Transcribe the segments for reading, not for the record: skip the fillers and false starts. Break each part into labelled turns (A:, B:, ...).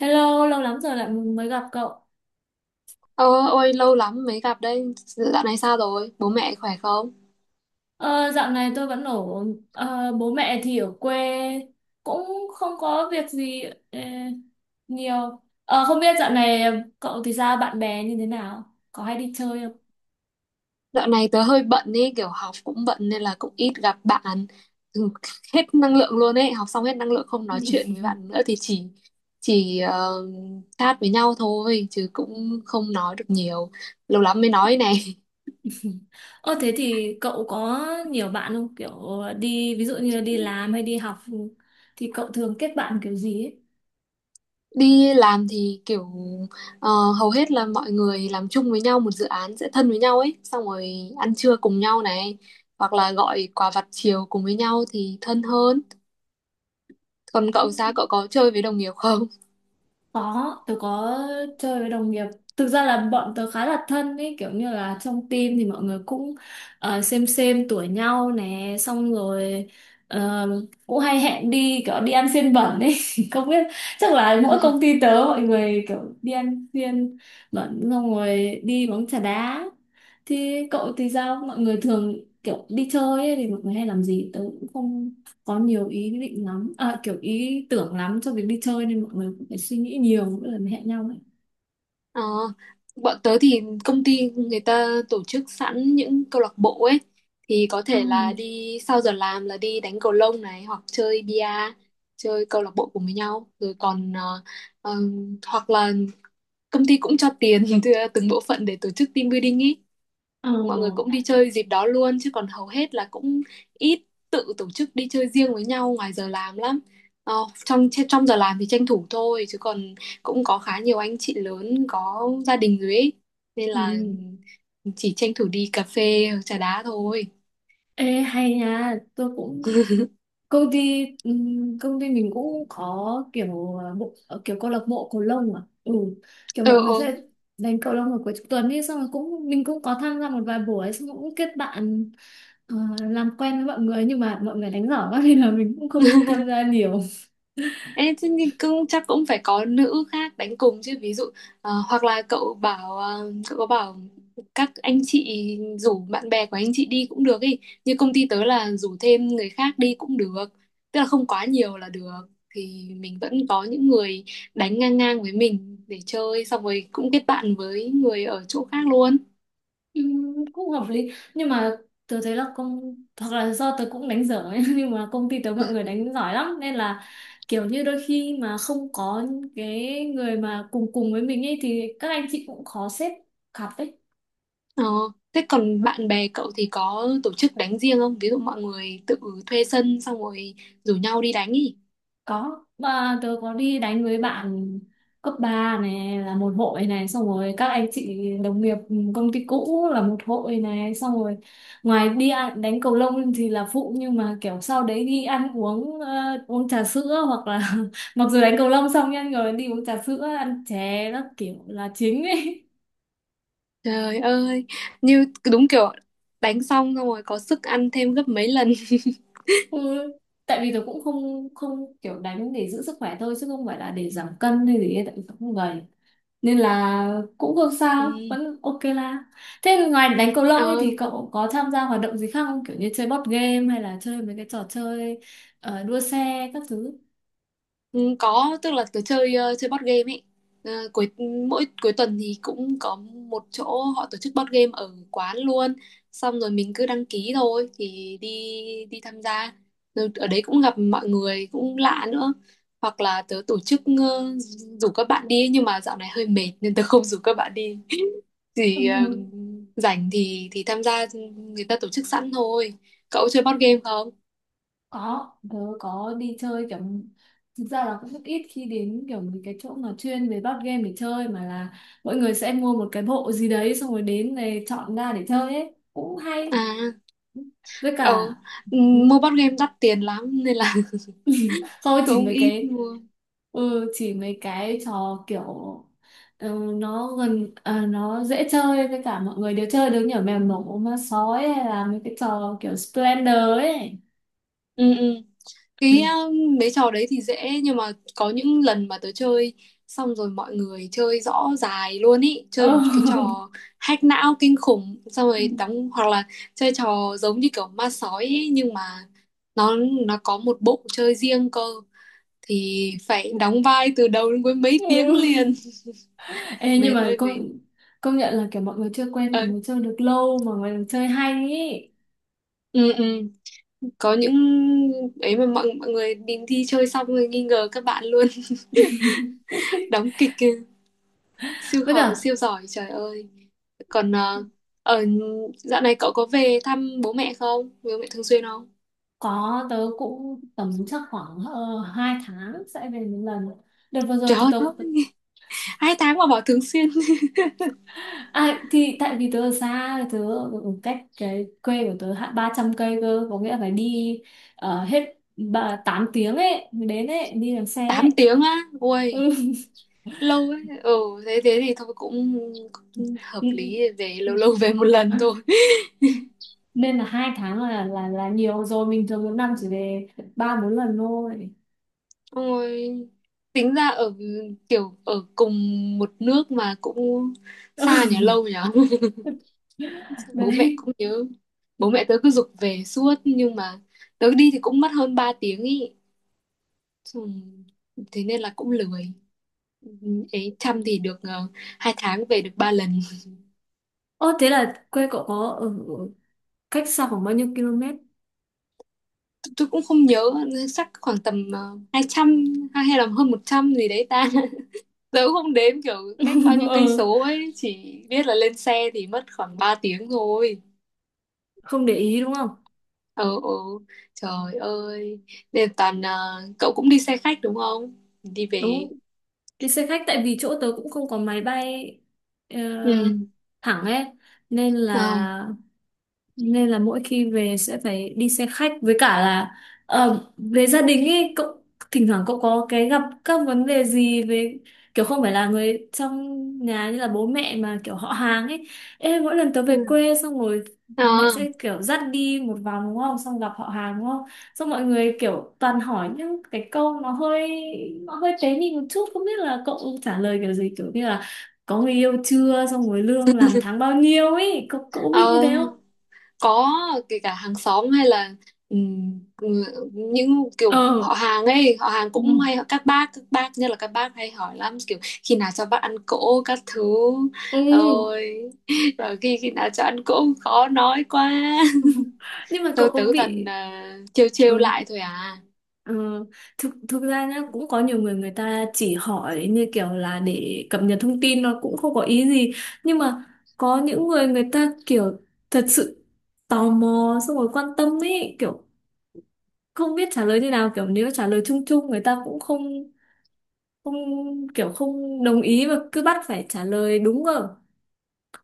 A: Hello, lâu lắm rồi lại mới gặp cậu.
B: Ờ, ôi lâu lắm mới gặp đây. Dạo này sao rồi? Bố mẹ khỏe không?
A: Ờ, dạo này tôi vẫn ở bố mẹ thì ở quê, cũng không có việc gì ờ, nhiều. Ờ, Không biết dạo này cậu thì sao, bạn bè như thế nào? Có hay đi chơi không?
B: Dạo này tớ hơi bận ấy, kiểu học cũng bận nên là cũng ít gặp bạn. Ừ, hết năng lượng luôn ấy, học xong hết năng lượng không nói chuyện với bạn nữa thì chỉ chat với nhau thôi chứ cũng không nói được nhiều. Lâu lắm mới nói này.
A: Ờ Thế thì cậu có nhiều bạn không? Kiểu đi, ví dụ như đi làm hay đi học, thì cậu thường kết bạn kiểu gì
B: Đi làm thì kiểu ờ, hầu hết là mọi người làm chung với nhau một dự án sẽ thân với nhau ấy, xong rồi ăn trưa cùng nhau này, hoặc là gọi quà vặt chiều cùng với nhau thì thân hơn. Còn cậu sao?
A: ấy?
B: Cậu có chơi với đồng nghiệp không?
A: Có, tớ có chơi với đồng nghiệp. Thực ra là bọn tớ khá là thân ấy, kiểu như là trong team thì mọi người cũng xem tuổi nhau nè, xong rồi ờ, cũng hay hẹn đi kiểu đi ăn xiên bẩn ấy. Không biết, chắc là mỗi công ty tớ mọi người kiểu đi ăn xiên bẩn xong rồi đi bóng chà đá. Thì cậu thì sao? Mọi người thường kiểu đi chơi ấy, thì mọi người hay làm gì? Tớ cũng không có nhiều ý định lắm à, kiểu ý tưởng lắm cho việc đi chơi, nên mọi người cũng phải suy nghĩ nhiều mỗi lần hẹn nhau ấy.
B: Ờ, bọn tớ thì công ty người ta tổ chức sẵn những câu lạc bộ ấy thì có
A: Ừ.
B: thể là đi sau giờ làm là đi đánh cầu lông này hoặc chơi bia, chơi câu lạc bộ cùng với nhau rồi, còn ờ, hoặc là công ty cũng cho tiền từng bộ phận để tổ chức team building ý,
A: Ờ.
B: mọi người cũng đi chơi dịp đó luôn chứ còn hầu hết là cũng ít tự tổ chức đi chơi riêng với nhau ngoài giờ làm lắm. ờ, trong trong giờ làm thì tranh thủ thôi chứ còn cũng có khá nhiều anh chị lớn có gia đình rồi ấy, nên
A: Ừ.
B: là chỉ tranh thủ đi cà phê trà đá thôi.
A: Ê, hay nha, tôi cũng công ty mình cũng có kiểu kiểu câu lạc bộ cầu lông à? Ừ, kiểu
B: ờ
A: mọi người
B: ờ
A: sẽ đánh cầu lông vào cuối tuần, đi xong rồi cũng, mình cũng có tham gia một vài buổi, xong rồi cũng kết bạn, ờ, làm quen với mọi người, nhưng mà mọi người đánh giỏi quá nên là mình cũng không tham gia nhiều.
B: Ê, thế thì cũng chắc cũng phải có nữ khác đánh cùng chứ, ví dụ hoặc là cậu bảo, cậu có bảo các anh chị rủ bạn bè của anh chị đi cũng được ý, như công ty tớ là rủ thêm người khác đi cũng được, tức là không quá nhiều là được thì mình vẫn có những người đánh ngang ngang với mình để chơi, xong rồi cũng kết bạn với người ở chỗ khác luôn.
A: Ừ, cũng hợp lý nhưng mà tớ thấy là hoặc là do tớ cũng đánh dở ấy. Nhưng mà công ty tớ mọi người đánh giỏi lắm, nên là kiểu như đôi khi mà không có cái người mà cùng cùng với mình ấy, thì các anh chị cũng khó xếp cặp ấy.
B: ờ, Thế còn bạn bè cậu thì có tổ chức đánh riêng không, ví dụ mọi người tự thuê sân xong rồi rủ nhau đi đánh ý?
A: Có, mà tớ có đi đánh với bạn cấp 3 này là một hội này, xong rồi các anh chị đồng nghiệp công ty cũ là một hội này, xong rồi ngoài đi ăn, đánh cầu lông thì là phụ, nhưng mà kiểu sau đấy đi ăn uống trà sữa hoặc là mặc dù đánh cầu lông xong nha, rồi đi uống trà sữa ăn chè nó kiểu là chính ấy.
B: Trời ơi, như đúng kiểu đánh xong xong rồi có sức ăn thêm gấp mấy lần.
A: Ừ. Tại vì tôi cũng không không kiểu đánh để giữ sức khỏe thôi, chứ không phải là để giảm cân hay gì ấy, tại vì tớ không gầy nên là cũng không sao,
B: Ừ.
A: vẫn ok la. Thế ngoài đánh cầu lông ấy
B: Ờ,
A: thì cậu có tham gia hoạt động gì khác không, kiểu như chơi board game hay là chơi mấy cái trò chơi đua xe các thứ?
B: ừ, có, tức là tớ chơi, chơi board game ấy. Ờ, mỗi cuối tuần thì cũng có một chỗ họ tổ chức board game ở quán luôn. Xong rồi mình cứ đăng ký thôi thì đi đi tham gia. Rồi ở đấy cũng gặp mọi người cũng lạ nữa. Hoặc là tớ tổ chức, rủ các bạn đi ấy, nhưng mà dạo này hơi mệt nên tớ không rủ các bạn đi.
A: Ừ,
B: Thì rảnh thì tham gia, ừ, người ta tổ chức sẵn thôi. Cậu chơi board game không?
A: có, tớ có đi chơi kiểu, thực ra là cũng rất ít khi đến kiểu mấy cái chỗ mà chuyên về board game để chơi, mà là mọi người sẽ mua một cái bộ gì đấy, xong rồi đến này chọn ra để chơi ấy cũng hay.
B: À,
A: Với
B: ừ,
A: cả
B: mua board game đắt tiền lắm nên là
A: không,
B: cũng ít mua.
A: chỉ mấy cái trò kiểu, ừ, nó gần à, nó dễ chơi với cả mọi người đều chơi được, như ở mèo nổ, ma sói, hay là mấy cái trò kiểu Splendor ấy.
B: Ừ, ừ, cái
A: Ừ.
B: ờ, mấy trò đấy thì dễ nhưng mà có những lần mà tớ chơi xong rồi mọi người chơi rõ dài luôn ý, chơi
A: Ừ.
B: một cái trò hack não kinh khủng xong rồi đóng, hoặc là chơi trò giống như kiểu ma sói ý, nhưng mà nó nó có một bộ chơi riêng cơ thì phải đóng vai từ đầu đến cuối mấy tiếng
A: Ừ.
B: liền,
A: Ê, nhưng
B: mệt
A: mà
B: ơi mệt.
A: công công nhận là kiểu mọi người chưa quen, mọi
B: ờ,
A: người chơi được lâu mà mọi người chơi hay ý.
B: ừ, ừ. Có những ấy mà mọi mọi người đi thi chơi xong rồi nghi ngờ các bạn luôn đóng kịch kìa,
A: Với
B: họ
A: cả
B: siêu giỏi trời ơi. Còn ờ, ở dạo này cậu có về thăm bố mẹ không, bố mẹ thường xuyên không?
A: có, tớ cũng tầm chắc khoảng 2 tháng sẽ về một lần, đợt vừa rồi
B: Trời
A: thì
B: ơi,
A: tớ...
B: 2 tháng mà bảo thường xuyên.
A: À, thì tại vì tớ ở xa, tớ ở ở cách cái quê của tớ hạ 300 cây cơ, có nghĩa là phải đi hết 8 tiếng ấy mới đến ấy, đi bằng xe ấy.
B: 8 tiếng á, ui
A: Ừ.
B: lâu ấy. Ừ, thế thế thì thôi cũng, cũng hợp
A: Ừ,
B: lý, về
A: ừ.
B: lâu lâu về một lần thôi.
A: Nên là 2 tháng là nhiều rồi, mình thường một năm chỉ về ba bốn lần thôi.
B: Xong tính ra ở kiểu ở cùng một nước mà cũng xa nhà lâu nhở. Bố mẹ
A: Đấy.
B: cũng nhớ, bố mẹ tớ cứ giục về suốt nhưng mà tớ đi thì cũng mất hơn 3 tiếng ý. Xong- Thế nên là cũng lười. Ừ, ấy chăm thì được, 2 tháng về được 3 lần.
A: Ô, thế là quê cậu có ở ở cách xa khoảng bao nhiêu km?
B: Tôi cũng không nhớ, chắc khoảng tầm 200 hay hay là hơn 100 gì đấy ta. Tớ cũng không đếm kiểu cách bao nhiêu cây
A: Ừ,
B: số ấy, chỉ biết là lên xe thì mất khoảng 3 tiếng thôi.
A: không để ý đúng không.
B: Ừ, ừ, trời ơi, nên toàn, cậu cũng đi xe khách đúng không, đi về?
A: Đúng, đi xe khách tại vì chỗ tớ cũng không có máy bay ờ,
B: Ừ,
A: thẳng ấy, nên là
B: ờ,
A: nên là mỗi khi về sẽ phải đi xe khách. Với cả là, về gia đình ấy cậu, thỉnh thoảng cậu có cái gặp các vấn đề gì về kiểu không phải là người trong nhà như là bố mẹ, mà kiểu họ hàng ấy? Ê, mỗi lần tớ
B: ừ.
A: về quê xong rồi
B: Ờ,
A: mẹ sẽ kiểu dắt đi một vòng đúng không, xong gặp họ hàng đúng không, xong mọi người kiểu toàn hỏi những cái câu nó hơi tế nhị một chút. Không biết là cậu trả lời kiểu gì, kiểu như là có người yêu chưa, xong rồi lương làm tháng bao nhiêu ấy, cậu cậu bị như
B: ờ,
A: thế?
B: có, kể cả hàng xóm hay là, ừ, những kiểu
A: Ờ.
B: họ hàng ấy, họ hàng
A: Ừ.
B: cũng hay, các bác, các bác nhất là các bác hay hỏi lắm kiểu khi nào cho bác ăn cỗ các thứ.
A: Ừ.
B: Ôi, và khi khi nào cho ăn cỗ khó nói quá.
A: Nhưng mà cậu
B: Tôi
A: có
B: tứ toàn,
A: bị?
B: trêu trêu
A: Ừ.
B: lại thôi à.
A: ờ, thực thực ra nhá, cũng có nhiều người người ta chỉ hỏi như kiểu là để cập nhật thông tin, nó cũng không có ý gì. Nhưng mà có những người người ta kiểu thật sự tò mò xong rồi quan tâm ấy, kiểu không biết trả lời như nào, kiểu nếu trả lời chung chung người ta cũng không không kiểu không đồng ý, và cứ bắt phải trả lời đúng rồi,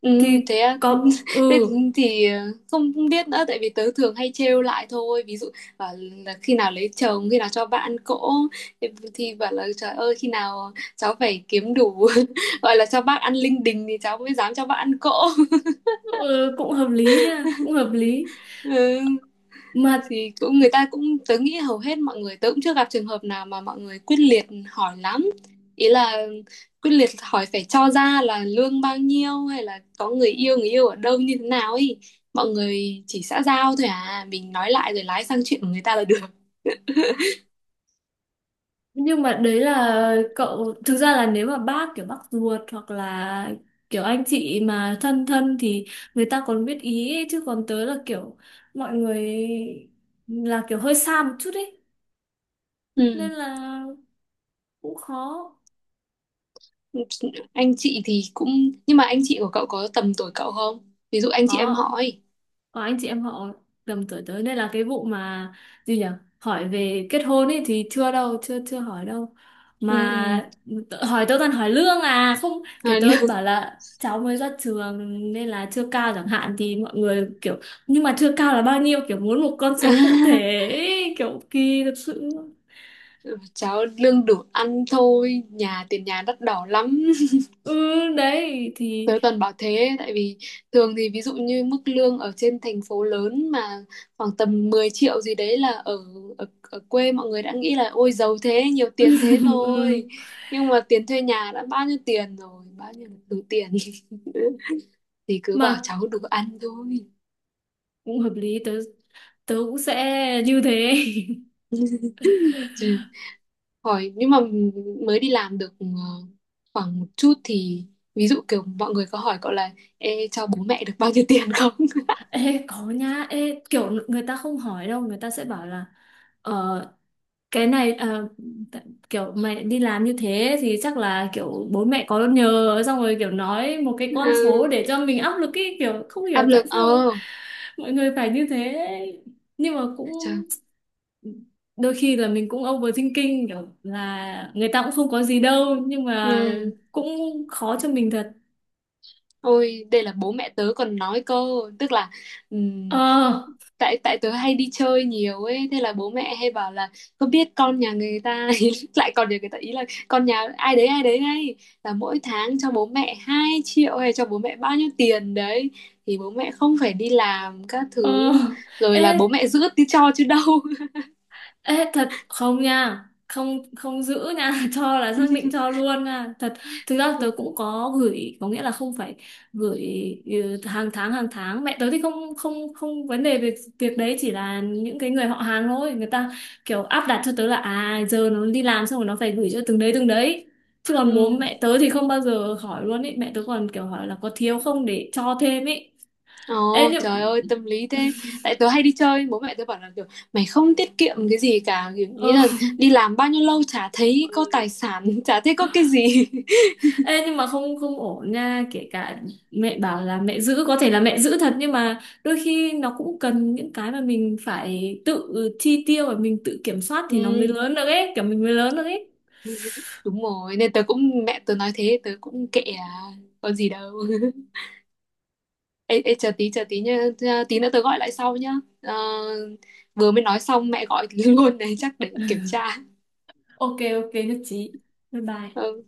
B: Ừ,
A: thì
B: thế à?
A: có.
B: Thế
A: Ừ,
B: thì không không biết nữa tại vì tớ thường hay trêu lại thôi, ví dụ bảo là khi nào lấy chồng, khi nào cho bạn cỗ thì thì bảo là trời ơi khi nào cháu phải kiếm đủ gọi là cho bác ăn linh đình thì cháu mới dám cho bác ăn cỗ.
A: ừ. Cũng hợp lý ha, cũng hợp lý
B: Ừ,
A: mà.
B: thì cũng người ta cũng, tớ nghĩ hầu hết mọi người, tớ cũng chưa gặp trường hợp nào mà mọi người quyết liệt hỏi lắm, ý là quyết liệt hỏi phải cho ra là lương bao nhiêu hay là có người yêu, người yêu ở đâu như thế nào ấy, mọi người chỉ xã giao thôi à mình nói lại rồi lái sang chuyện của người ta là được.
A: Nhưng mà đấy là cậu, thực ra là nếu mà bác, kiểu bác ruột hoặc là kiểu anh chị mà thân thân thì người ta còn biết ý ấy, chứ còn tớ là kiểu mọi người là kiểu hơi xa một chút ấy nên
B: Ừ.
A: là cũng khó.
B: Anh chị thì cũng, nhưng mà anh chị của cậu có tầm tuổi cậu không, ví dụ anh chị em
A: có
B: họ ấy?
A: có anh chị em họ tầm tuổi tới, nên là cái vụ mà, gì nhỉ, hỏi về kết hôn ấy thì chưa đâu, chưa chưa hỏi đâu
B: Ừ, ừ.
A: mà. Hỏi tớ toàn hỏi lương à, không, kiểu
B: À,
A: tớ
B: lương...
A: bảo là cháu mới ra trường nên là chưa cao chẳng hạn, thì mọi người kiểu nhưng mà chưa cao là bao nhiêu, kiểu muốn một con số cụ thể ấy, kiểu kỳ thật sự.
B: Cháu lương đủ ăn thôi, nhà tiền nhà đắt đỏ lắm.
A: Ừ. Đấy thì...
B: Tớ toàn bảo thế tại vì thường thì ví dụ như mức lương ở trên thành phố lớn mà khoảng tầm 10 triệu gì đấy là ở ở, ở, quê mọi người đã nghĩ là ôi giàu thế, nhiều tiền thế rồi.
A: Ừ,
B: Nhưng mà tiền thuê nhà đã bao nhiêu tiền rồi, bao nhiêu là đủ tiền thì cứ bảo
A: mà
B: cháu đủ ăn thôi.
A: cũng hợp lý, tớ tớ cũng sẽ như thế.
B: Chứ hỏi, nhưng mà mới đi làm được khoảng một chút thì, ví dụ kiểu mọi người có hỏi cậu là: Ê, cho bố mẹ được bao nhiêu tiền không?
A: Ê, có nhá, ê, kiểu người ta không hỏi đâu, người ta sẽ bảo là ờ, cái này, t- kiểu mày đi làm như thế thì chắc là kiểu bố mẹ có nhờ, xong rồi kiểu nói một cái con số
B: À,
A: để cho mình áp lực ý, kiểu không
B: áp
A: hiểu
B: lực,
A: tại sao mọi người phải như thế. Nhưng mà
B: trời.
A: cũng đôi khi là mình cũng overthinking, kiểu là người ta cũng không có gì đâu, nhưng mà
B: Ừ.
A: cũng khó cho mình thật.
B: Ôi, đây là bố mẹ tớ còn nói cơ, tức là ừm,
A: Ờ,
B: tại tại tớ hay đi chơi nhiều ấy, thế là bố mẹ hay bảo là có biết con nhà người ta, ý, lại còn nhà người ta ý là con nhà ai đấy ngay là mỗi tháng cho bố mẹ 2 triệu hay cho bố mẹ bao nhiêu tiền đấy, thì bố mẹ không phải đi làm các
A: ờ.
B: thứ rồi
A: Ê.
B: là bố mẹ giữ tí cho chứ đâu.
A: Ê, thật không nha, không không giữ nha. Cho là xác định cho luôn nha, thật. Thực ra tớ cũng có gửi, có nghĩa là không phải gửi, ừ, Hàng tháng mẹ tớ thì không không không vấn đề về việc đấy, chỉ là những cái người họ hàng thôi, người ta kiểu áp đặt cho tớ là à giờ nó đi làm xong rồi nó phải gửi cho từng đấy từng đấy, chứ còn bố
B: Ừ.
A: mẹ tớ thì không bao giờ hỏi luôn ấy, mẹ tớ còn kiểu hỏi là có thiếu không để cho thêm ấy. Ê,
B: Ồ
A: nhưng...
B: trời ơi tâm lý thế. Tại tớ hay đi chơi, bố mẹ tớ bảo là kiểu mày không tiết kiệm cái gì cả kiểu, nghĩ là đi làm bao nhiêu lâu chả thấy có tài sản chả thấy có cái gì.
A: Ê, nhưng mà không không ổn nha, kể cả mẹ bảo là mẹ giữ có thể là mẹ giữ thật, nhưng mà đôi khi nó cũng cần những cái mà mình phải tự chi tiêu và mình tự kiểm soát thì nó mới
B: Ừ,
A: lớn được ấy, kiểu mình mới lớn được ấy.
B: đúng rồi, nên tớ cũng, mẹ tớ nói thế tớ cũng kệ à, có gì đâu. Ê, ê, chờ tí, chờ tí nhá, tí nữa tớ gọi lại sau nhá. Ờ, vừa mới nói xong mẹ gọi luôn này, chắc để kiểm tra.
A: Ok, ok, nhất trí. Bye bye.
B: Ừ